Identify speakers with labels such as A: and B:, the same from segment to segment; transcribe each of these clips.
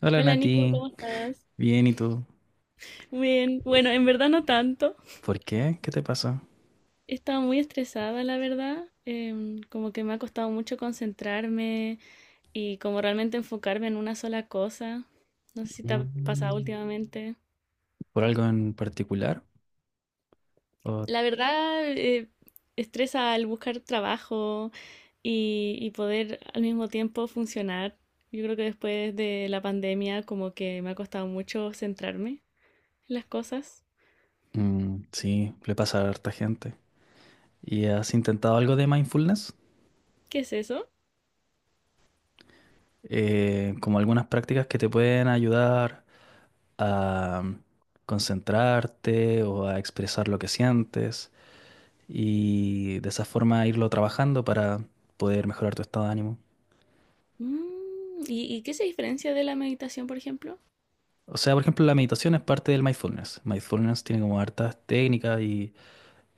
A: Hola
B: Hola Nico,
A: Nati,
B: ¿cómo estás?
A: bien, ¿y tú?
B: Muy Bien, bueno, en verdad no tanto.
A: ¿Por qué? ¿Qué te pasó?
B: He estado muy estresada, la verdad. Como que me ha costado mucho concentrarme y como realmente enfocarme en una sola cosa. No sé si te ha pasado
A: Mm.
B: últimamente.
A: ¿Por algo en particular? O,
B: La verdad, estresa al buscar trabajo y poder al mismo tiempo funcionar. Yo creo que después de la pandemia como que me ha costado mucho centrarme en las cosas.
A: sí, le pasa a harta gente. ¿Y has intentado algo de mindfulness?
B: ¿Qué es eso?
A: Como algunas prácticas que te pueden ayudar a concentrarte o a expresar lo que sientes y de esa forma irlo trabajando para poder mejorar tu estado de ánimo.
B: Mm, ¿y qué se diferencia de la meditación, por ejemplo?
A: O sea, por ejemplo, la meditación es parte del mindfulness. Mindfulness tiene como hartas técnicas y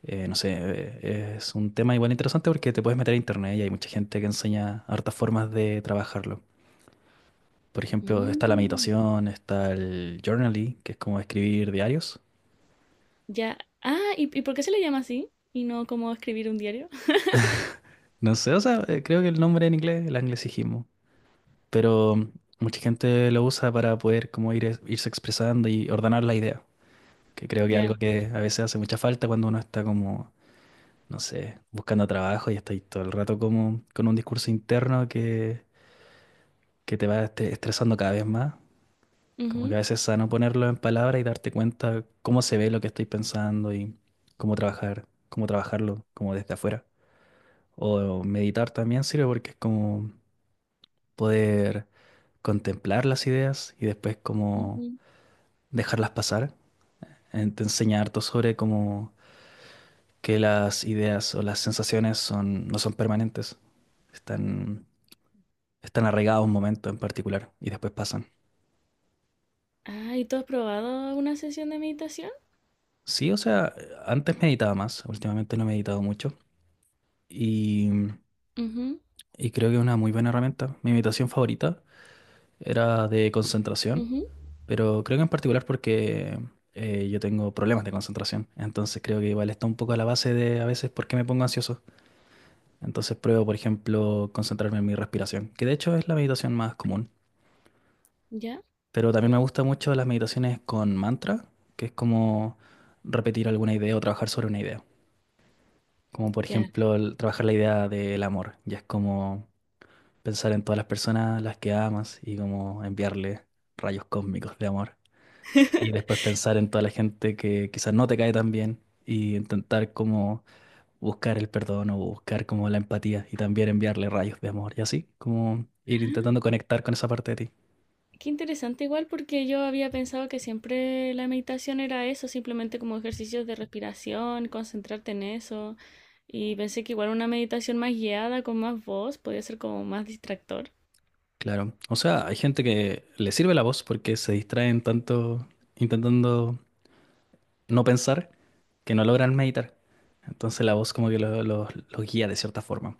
A: Eh, no sé, es un tema igual interesante porque te puedes meter a internet y hay mucha gente que enseña hartas formas de trabajarlo. Por ejemplo, está la
B: Mm,
A: meditación, está el journaling, que es como escribir diarios.
B: ya. Ah, ¿y por qué se le llama así? Y no como escribir un diario.
A: No sé, o sea, creo que el nombre en inglés, el anglicismo. Pero mucha gente lo usa para poder como ir, irse expresando y ordenar la idea, que creo que es
B: Ya.
A: algo que a veces hace mucha falta cuando uno está como, no sé, buscando trabajo y está ahí todo el rato como con un discurso interno que te va estresando cada vez más. Como que a
B: Ujú,
A: veces es sano ponerlo en palabras y darte cuenta cómo se ve lo que estoy pensando y cómo trabajar, cómo trabajarlo como desde afuera. O meditar también sirve porque es como poder contemplar las ideas y después como
B: ujú.
A: dejarlas pasar. Te enseña harto sobre cómo que las ideas o las sensaciones son, no son permanentes. Están, están arraigados a un momento en particular y después pasan.
B: Ah, ¿y tú has probado una sesión de meditación?
A: Sí, o sea, antes meditaba más, últimamente no he meditado mucho. Y
B: Ujú,
A: Y creo que es una muy buena herramienta. Mi meditación favorita era de concentración,
B: ujú.
A: pero creo que en particular porque yo tengo problemas de concentración. Entonces creo que igual está un poco a la base de a veces por qué me pongo ansioso. Entonces pruebo, por ejemplo, concentrarme en mi respiración, que de hecho es la meditación más común.
B: Ya,
A: Pero también me gustan mucho las meditaciones con mantra, que es como repetir alguna idea o trabajar sobre una idea. Como por
B: ya.
A: ejemplo trabajar la idea del amor. Ya es como pensar en todas las personas a las que amas y como enviarle rayos cósmicos de amor. Y después pensar en toda la gente que quizás no te cae tan bien y intentar como buscar el perdón o buscar como la empatía y también enviarle rayos de amor y así, como ir intentando
B: Ah,
A: conectar con esa parte de ti.
B: qué interesante igual porque yo había pensado que siempre la meditación era eso, simplemente como ejercicios de respiración, concentrarte en eso, y pensé que igual una meditación más guiada con más voz podía ser como más distractor.
A: Claro. O sea, hay gente que le sirve la voz porque se distraen tanto intentando no pensar que no logran meditar. Entonces la voz como que los guía de cierta forma.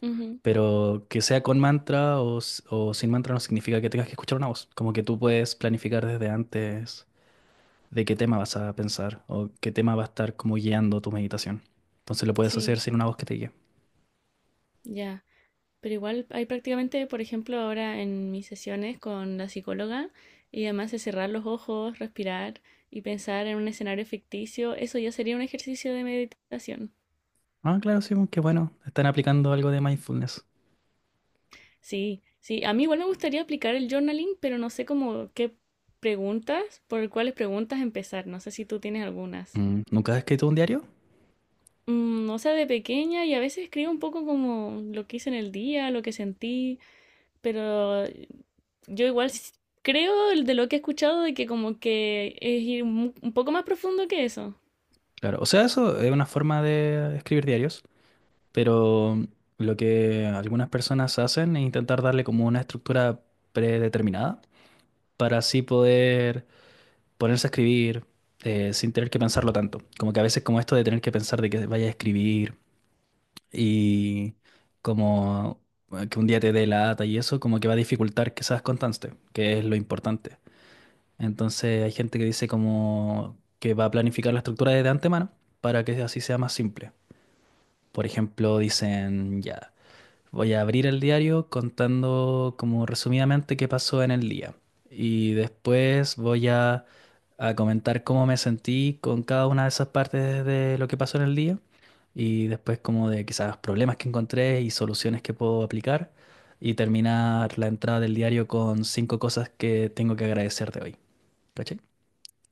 B: Ujú,
A: Pero que sea con mantra o sin mantra no significa que tengas que escuchar una voz. Como que tú puedes planificar desde antes de qué tema vas a pensar o qué tema va a estar como guiando tu meditación. Entonces lo puedes
B: sí.
A: hacer sin una voz que te guíe.
B: Ya, pero igual hay prácticamente, por ejemplo, ahora en mis sesiones con la psicóloga, y además de cerrar los ojos, respirar y pensar en un escenario ficticio, eso ya sería un ejercicio de meditación.
A: Ah, claro, sí, qué bueno. Están aplicando algo de mindfulness.
B: Sí, sí, a mí igual me gustaría aplicar el journaling, pero no sé cómo qué preguntas, por cuáles preguntas empezar, no sé si tú tienes algunas.
A: Mm, ¿nunca has escrito un diario?
B: Mm, o sea, de pequeña y a veces escribo un poco como lo que hice en el día, lo que sentí, pero yo igual creo el de lo que he escuchado de que como que es ir un poco más profundo que eso.
A: Claro, o sea, eso es una forma de escribir diarios, pero lo que algunas personas hacen es intentar darle como una estructura predeterminada para así poder ponerse a escribir sin tener que pensarlo tanto. Como que a veces como esto de tener que pensar de que vayas a escribir y como que un día te dé lata y eso como que va a dificultar que seas constante, que es lo importante. Entonces hay gente que dice como que va a planificar la estructura desde antemano para que así sea más simple. Por ejemplo, dicen ya. Voy a abrir el diario contando como resumidamente qué pasó en el día. Y después a comentar cómo me sentí con cada una de esas partes de lo que pasó en el día. Y después como de quizás problemas que encontré y soluciones que puedo aplicar. Y terminar la entrada del diario con cinco cosas que tengo que agradecer de hoy. ¿Cachai?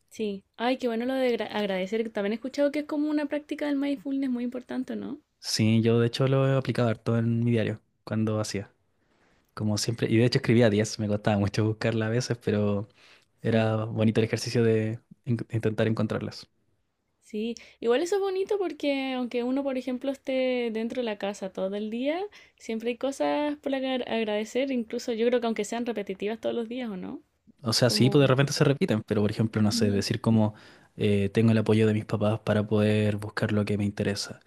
B: Sí. Ay, qué bueno lo de agradecer. También he escuchado que es como una práctica del mindfulness muy importante, ¿no?
A: Sí, yo de hecho lo he aplicado harto en mi diario cuando hacía. Como siempre. Y de hecho escribía 10 me costaba mucho buscarla a veces, pero...
B: Sí,
A: Era bonito el ejercicio de intentar encontrarlas.
B: sí, igual eso es bonito porque aunque uno, por ejemplo, esté dentro de la casa todo el día, siempre hay cosas por agradecer, incluso yo creo que aunque sean repetitivas todos los días, ¿o no?
A: O sea, sí, pues de
B: Como...
A: repente se repiten, pero por ejemplo, no sé,
B: Ujú.
A: decir como tengo el apoyo de mis papás para poder buscar lo que me interesa.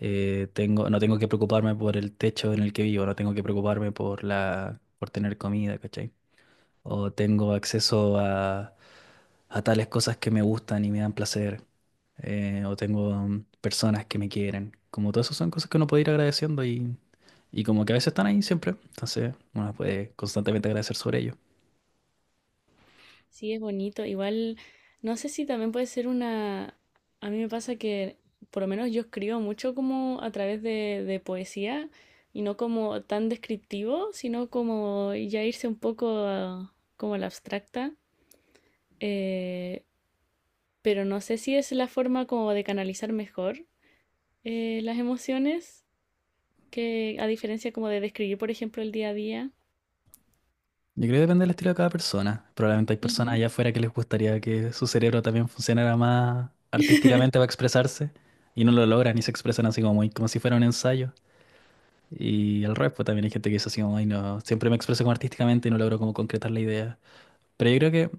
A: Tengo, no tengo que preocuparme por el techo en el que vivo, no tengo que preocuparme por la, por tener comida, ¿cachai? O tengo acceso a tales cosas que me gustan y me dan placer. O tengo personas que me quieren. Como todas esas son cosas que uno puede ir agradeciendo y como que a veces están ahí siempre, entonces uno puede constantemente agradecer sobre ello.
B: Sí, es bonito. Igual, no sé si también puede ser una... A mí me pasa que, por lo menos yo escribo mucho como a través de poesía y no como tan descriptivo, sino como ya irse un poco como a la abstracta. Eh, pero no sé si es la forma como de canalizar mejor las emociones, que a diferencia como de describir, por ejemplo, el día a día.
A: Yo creo que depende del estilo de cada persona. Probablemente hay personas
B: Ujú.
A: allá afuera que les gustaría que su cerebro también funcionara más artísticamente para expresarse y no lo logran y se expresan así como, muy, como si fuera un ensayo. Y al revés, pues también hay gente que dice así como, ay, no, siempre me expreso como artísticamente y no logro como concretar la idea. Pero yo creo que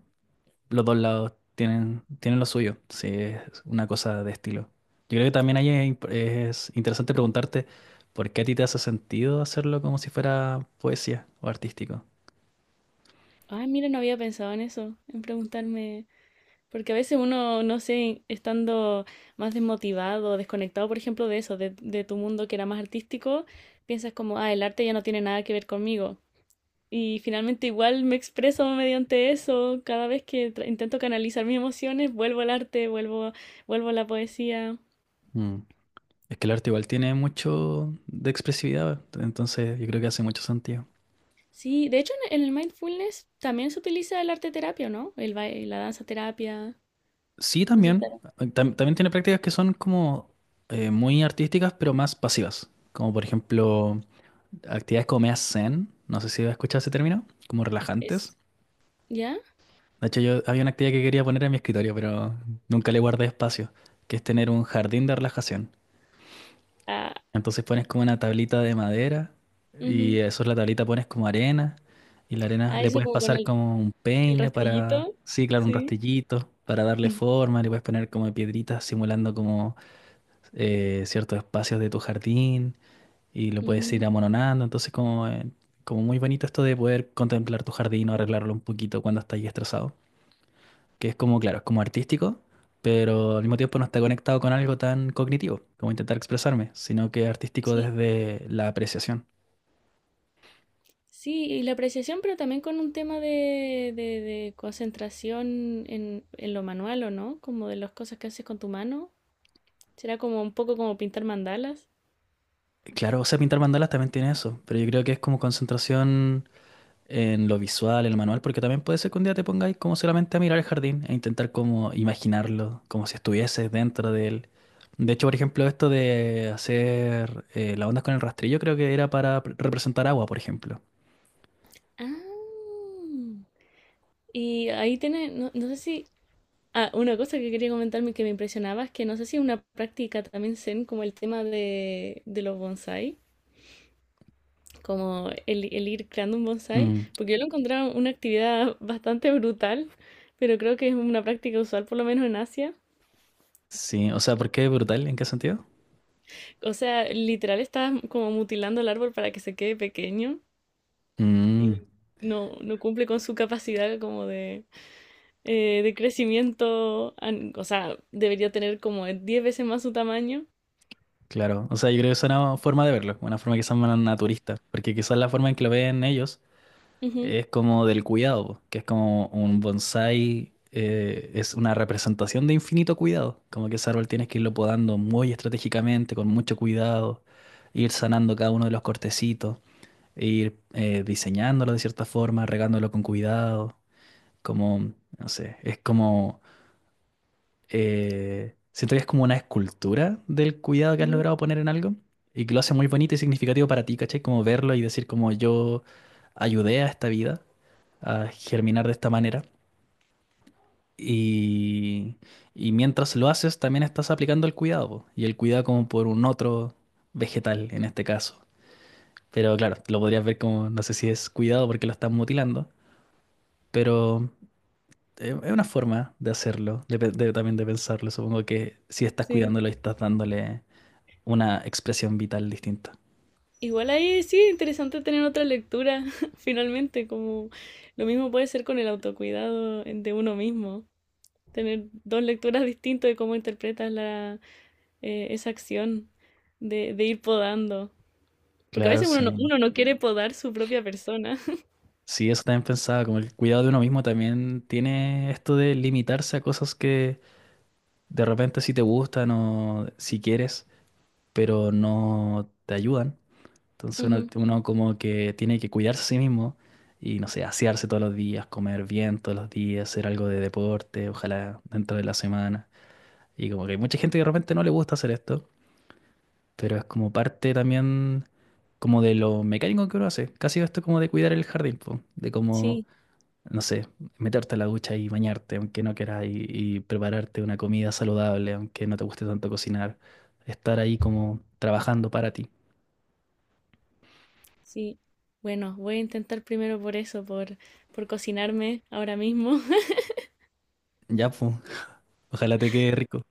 A: los dos lados tienen, tienen lo suyo, sí, es una cosa de estilo. Yo creo que también ahí es interesante preguntarte por qué a ti te hace sentido hacerlo como si fuera poesía o artístico.
B: Ay, mira, no había pensado en eso, en preguntarme. Porque a veces uno, no sé, estando más desmotivado, desconectado, por ejemplo, de eso, de tu mundo que era más artístico, piensas como, ah, el arte ya no tiene nada que ver conmigo. Y finalmente igual me expreso mediante eso. Cada vez que intento canalizar mis emociones, vuelvo al arte, vuelvo, vuelvo a la poesía.
A: Mm. Es que el arte igual tiene mucho de expresividad, entonces yo creo que hace mucho sentido.
B: Sí, de hecho en el mindfulness también se utiliza el arte terapia, ¿no? El baile, la danza terapia.
A: Sí,
B: No sé si
A: también.
B: claro.
A: También tiene prácticas que son como muy artísticas, pero más pasivas. Como por ejemplo, actividades como meas zen, no sé si has escuchado ese término, como relajantes.
B: Es, ¿ya?
A: De hecho, yo había una actividad que quería poner en mi escritorio, pero nunca le guardé espacio, que es tener un jardín de relajación.
B: Ah,
A: Entonces pones como una tablita de madera y
B: ujú.
A: eso es la tablita pones como arena y la arena
B: Ah,
A: le
B: eso
A: puedes
B: como con
A: pasar como un
B: el
A: peine para,
B: rastrillito.
A: sí, claro, un
B: Sí.
A: rastillito para darle forma, le puedes poner como piedritas simulando como ciertos espacios de tu jardín y lo puedes ir
B: Ujú,
A: amononando. Entonces como, como muy bonito esto de poder contemplar tu jardín o arreglarlo un poquito cuando estás estresado, que es como, claro, es como artístico, pero al mismo tiempo no está conectado con algo tan cognitivo como intentar expresarme, sino que es artístico
B: sí,
A: desde la apreciación.
B: sí, y la apreciación, pero también con un tema de concentración en lo manual, ¿o no? Como de las cosas que haces con tu mano. Será como un poco como pintar mandalas.
A: Claro, o sea, pintar mandalas también tiene eso, pero yo creo que es como concentración en lo visual, en lo manual, porque también puede ser que un día te pongáis como solamente a mirar el jardín e intentar como imaginarlo, como si estuvieses dentro de él. De hecho, por ejemplo, esto de hacer las ondas con el rastrillo creo que era para representar agua, por ejemplo.
B: Ah, y ahí tiene, no, no sé si... Ah, una cosa que quería comentarme que me impresionaba es que no sé si es una práctica también zen como el tema de los bonsai. Como el ir creando un bonsai,
A: Mm,
B: porque yo lo encontraba una actividad bastante brutal, pero creo que es una práctica usual por lo menos en Asia.
A: sí, o sea, ¿por qué brutal? ¿En qué sentido?
B: O sea, literal estás como mutilando el árbol para que se quede pequeño
A: Mm,
B: y no, no cumple con su capacidad como de crecimiento, o sea, debería tener como 10 veces más su tamaño.
A: claro, o sea, yo creo que es una forma de verlo, una forma quizás más naturista, porque quizás la forma en que lo ven ellos
B: Ujú,
A: es como del cuidado, po, que es como un bonsái, es una representación de infinito cuidado, como que ese árbol tienes que irlo podando muy estratégicamente, con mucho cuidado, ir sanando cada uno de los cortecitos, e ir diseñándolo de cierta forma, regándolo con cuidado, como, no sé, es como siento que es como una escultura del cuidado que has
B: ujú,
A: logrado poner en algo y que lo hace muy bonito y significativo para ti, ¿cachai? Como verlo y decir como yo ayudé a esta vida a germinar de esta manera. Y, y mientras lo haces, también estás aplicando el cuidado, po, y el cuidado como por un otro vegetal en este caso. Pero claro, lo podrías ver como, no sé si es cuidado porque lo están mutilando, pero es una forma de hacerlo, también de pensarlo. Supongo que si estás
B: sí.
A: cuidándolo y estás dándole una expresión vital distinta.
B: Igual ahí sí, interesante tener otra lectura, finalmente, como lo mismo puede ser con el autocuidado de uno mismo. Tener dos lecturas distintas de cómo interpretas la, esa acción de ir podando. Porque a
A: Claro,
B: veces
A: sí.
B: uno no quiere podar su propia persona.
A: Sí, eso también pensaba, como el cuidado de uno mismo también tiene esto de limitarse a cosas que de repente sí te gustan o si quieres, pero no te ayudan. Entonces uno,
B: Ujú,
A: uno como que tiene que cuidarse a sí mismo y, no sé, asearse todos los días, comer bien todos los días, hacer algo de deporte, ojalá dentro de la semana. Y como que hay mucha gente que de repente no le gusta hacer esto, pero es como parte también como de lo mecánico que uno hace. Casi esto como de cuidar el jardín, po, de como,
B: sí,
A: no sé, meterte a la ducha y bañarte, aunque no quieras, y prepararte una comida saludable, aunque no te guste tanto cocinar. Estar ahí como trabajando para ti.
B: sí. Bueno, voy a intentar primero por eso, por cocinarme ahora mismo.
A: Ya, pues, ojalá te quede rico.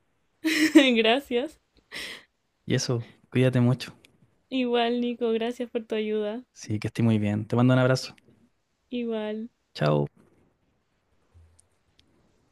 B: Gracias.
A: Y eso, cuídate mucho.
B: Igual, Nico, gracias por tu ayuda.
A: Sí, que esté muy bien. Te mando un abrazo.
B: Igual.
A: Chao.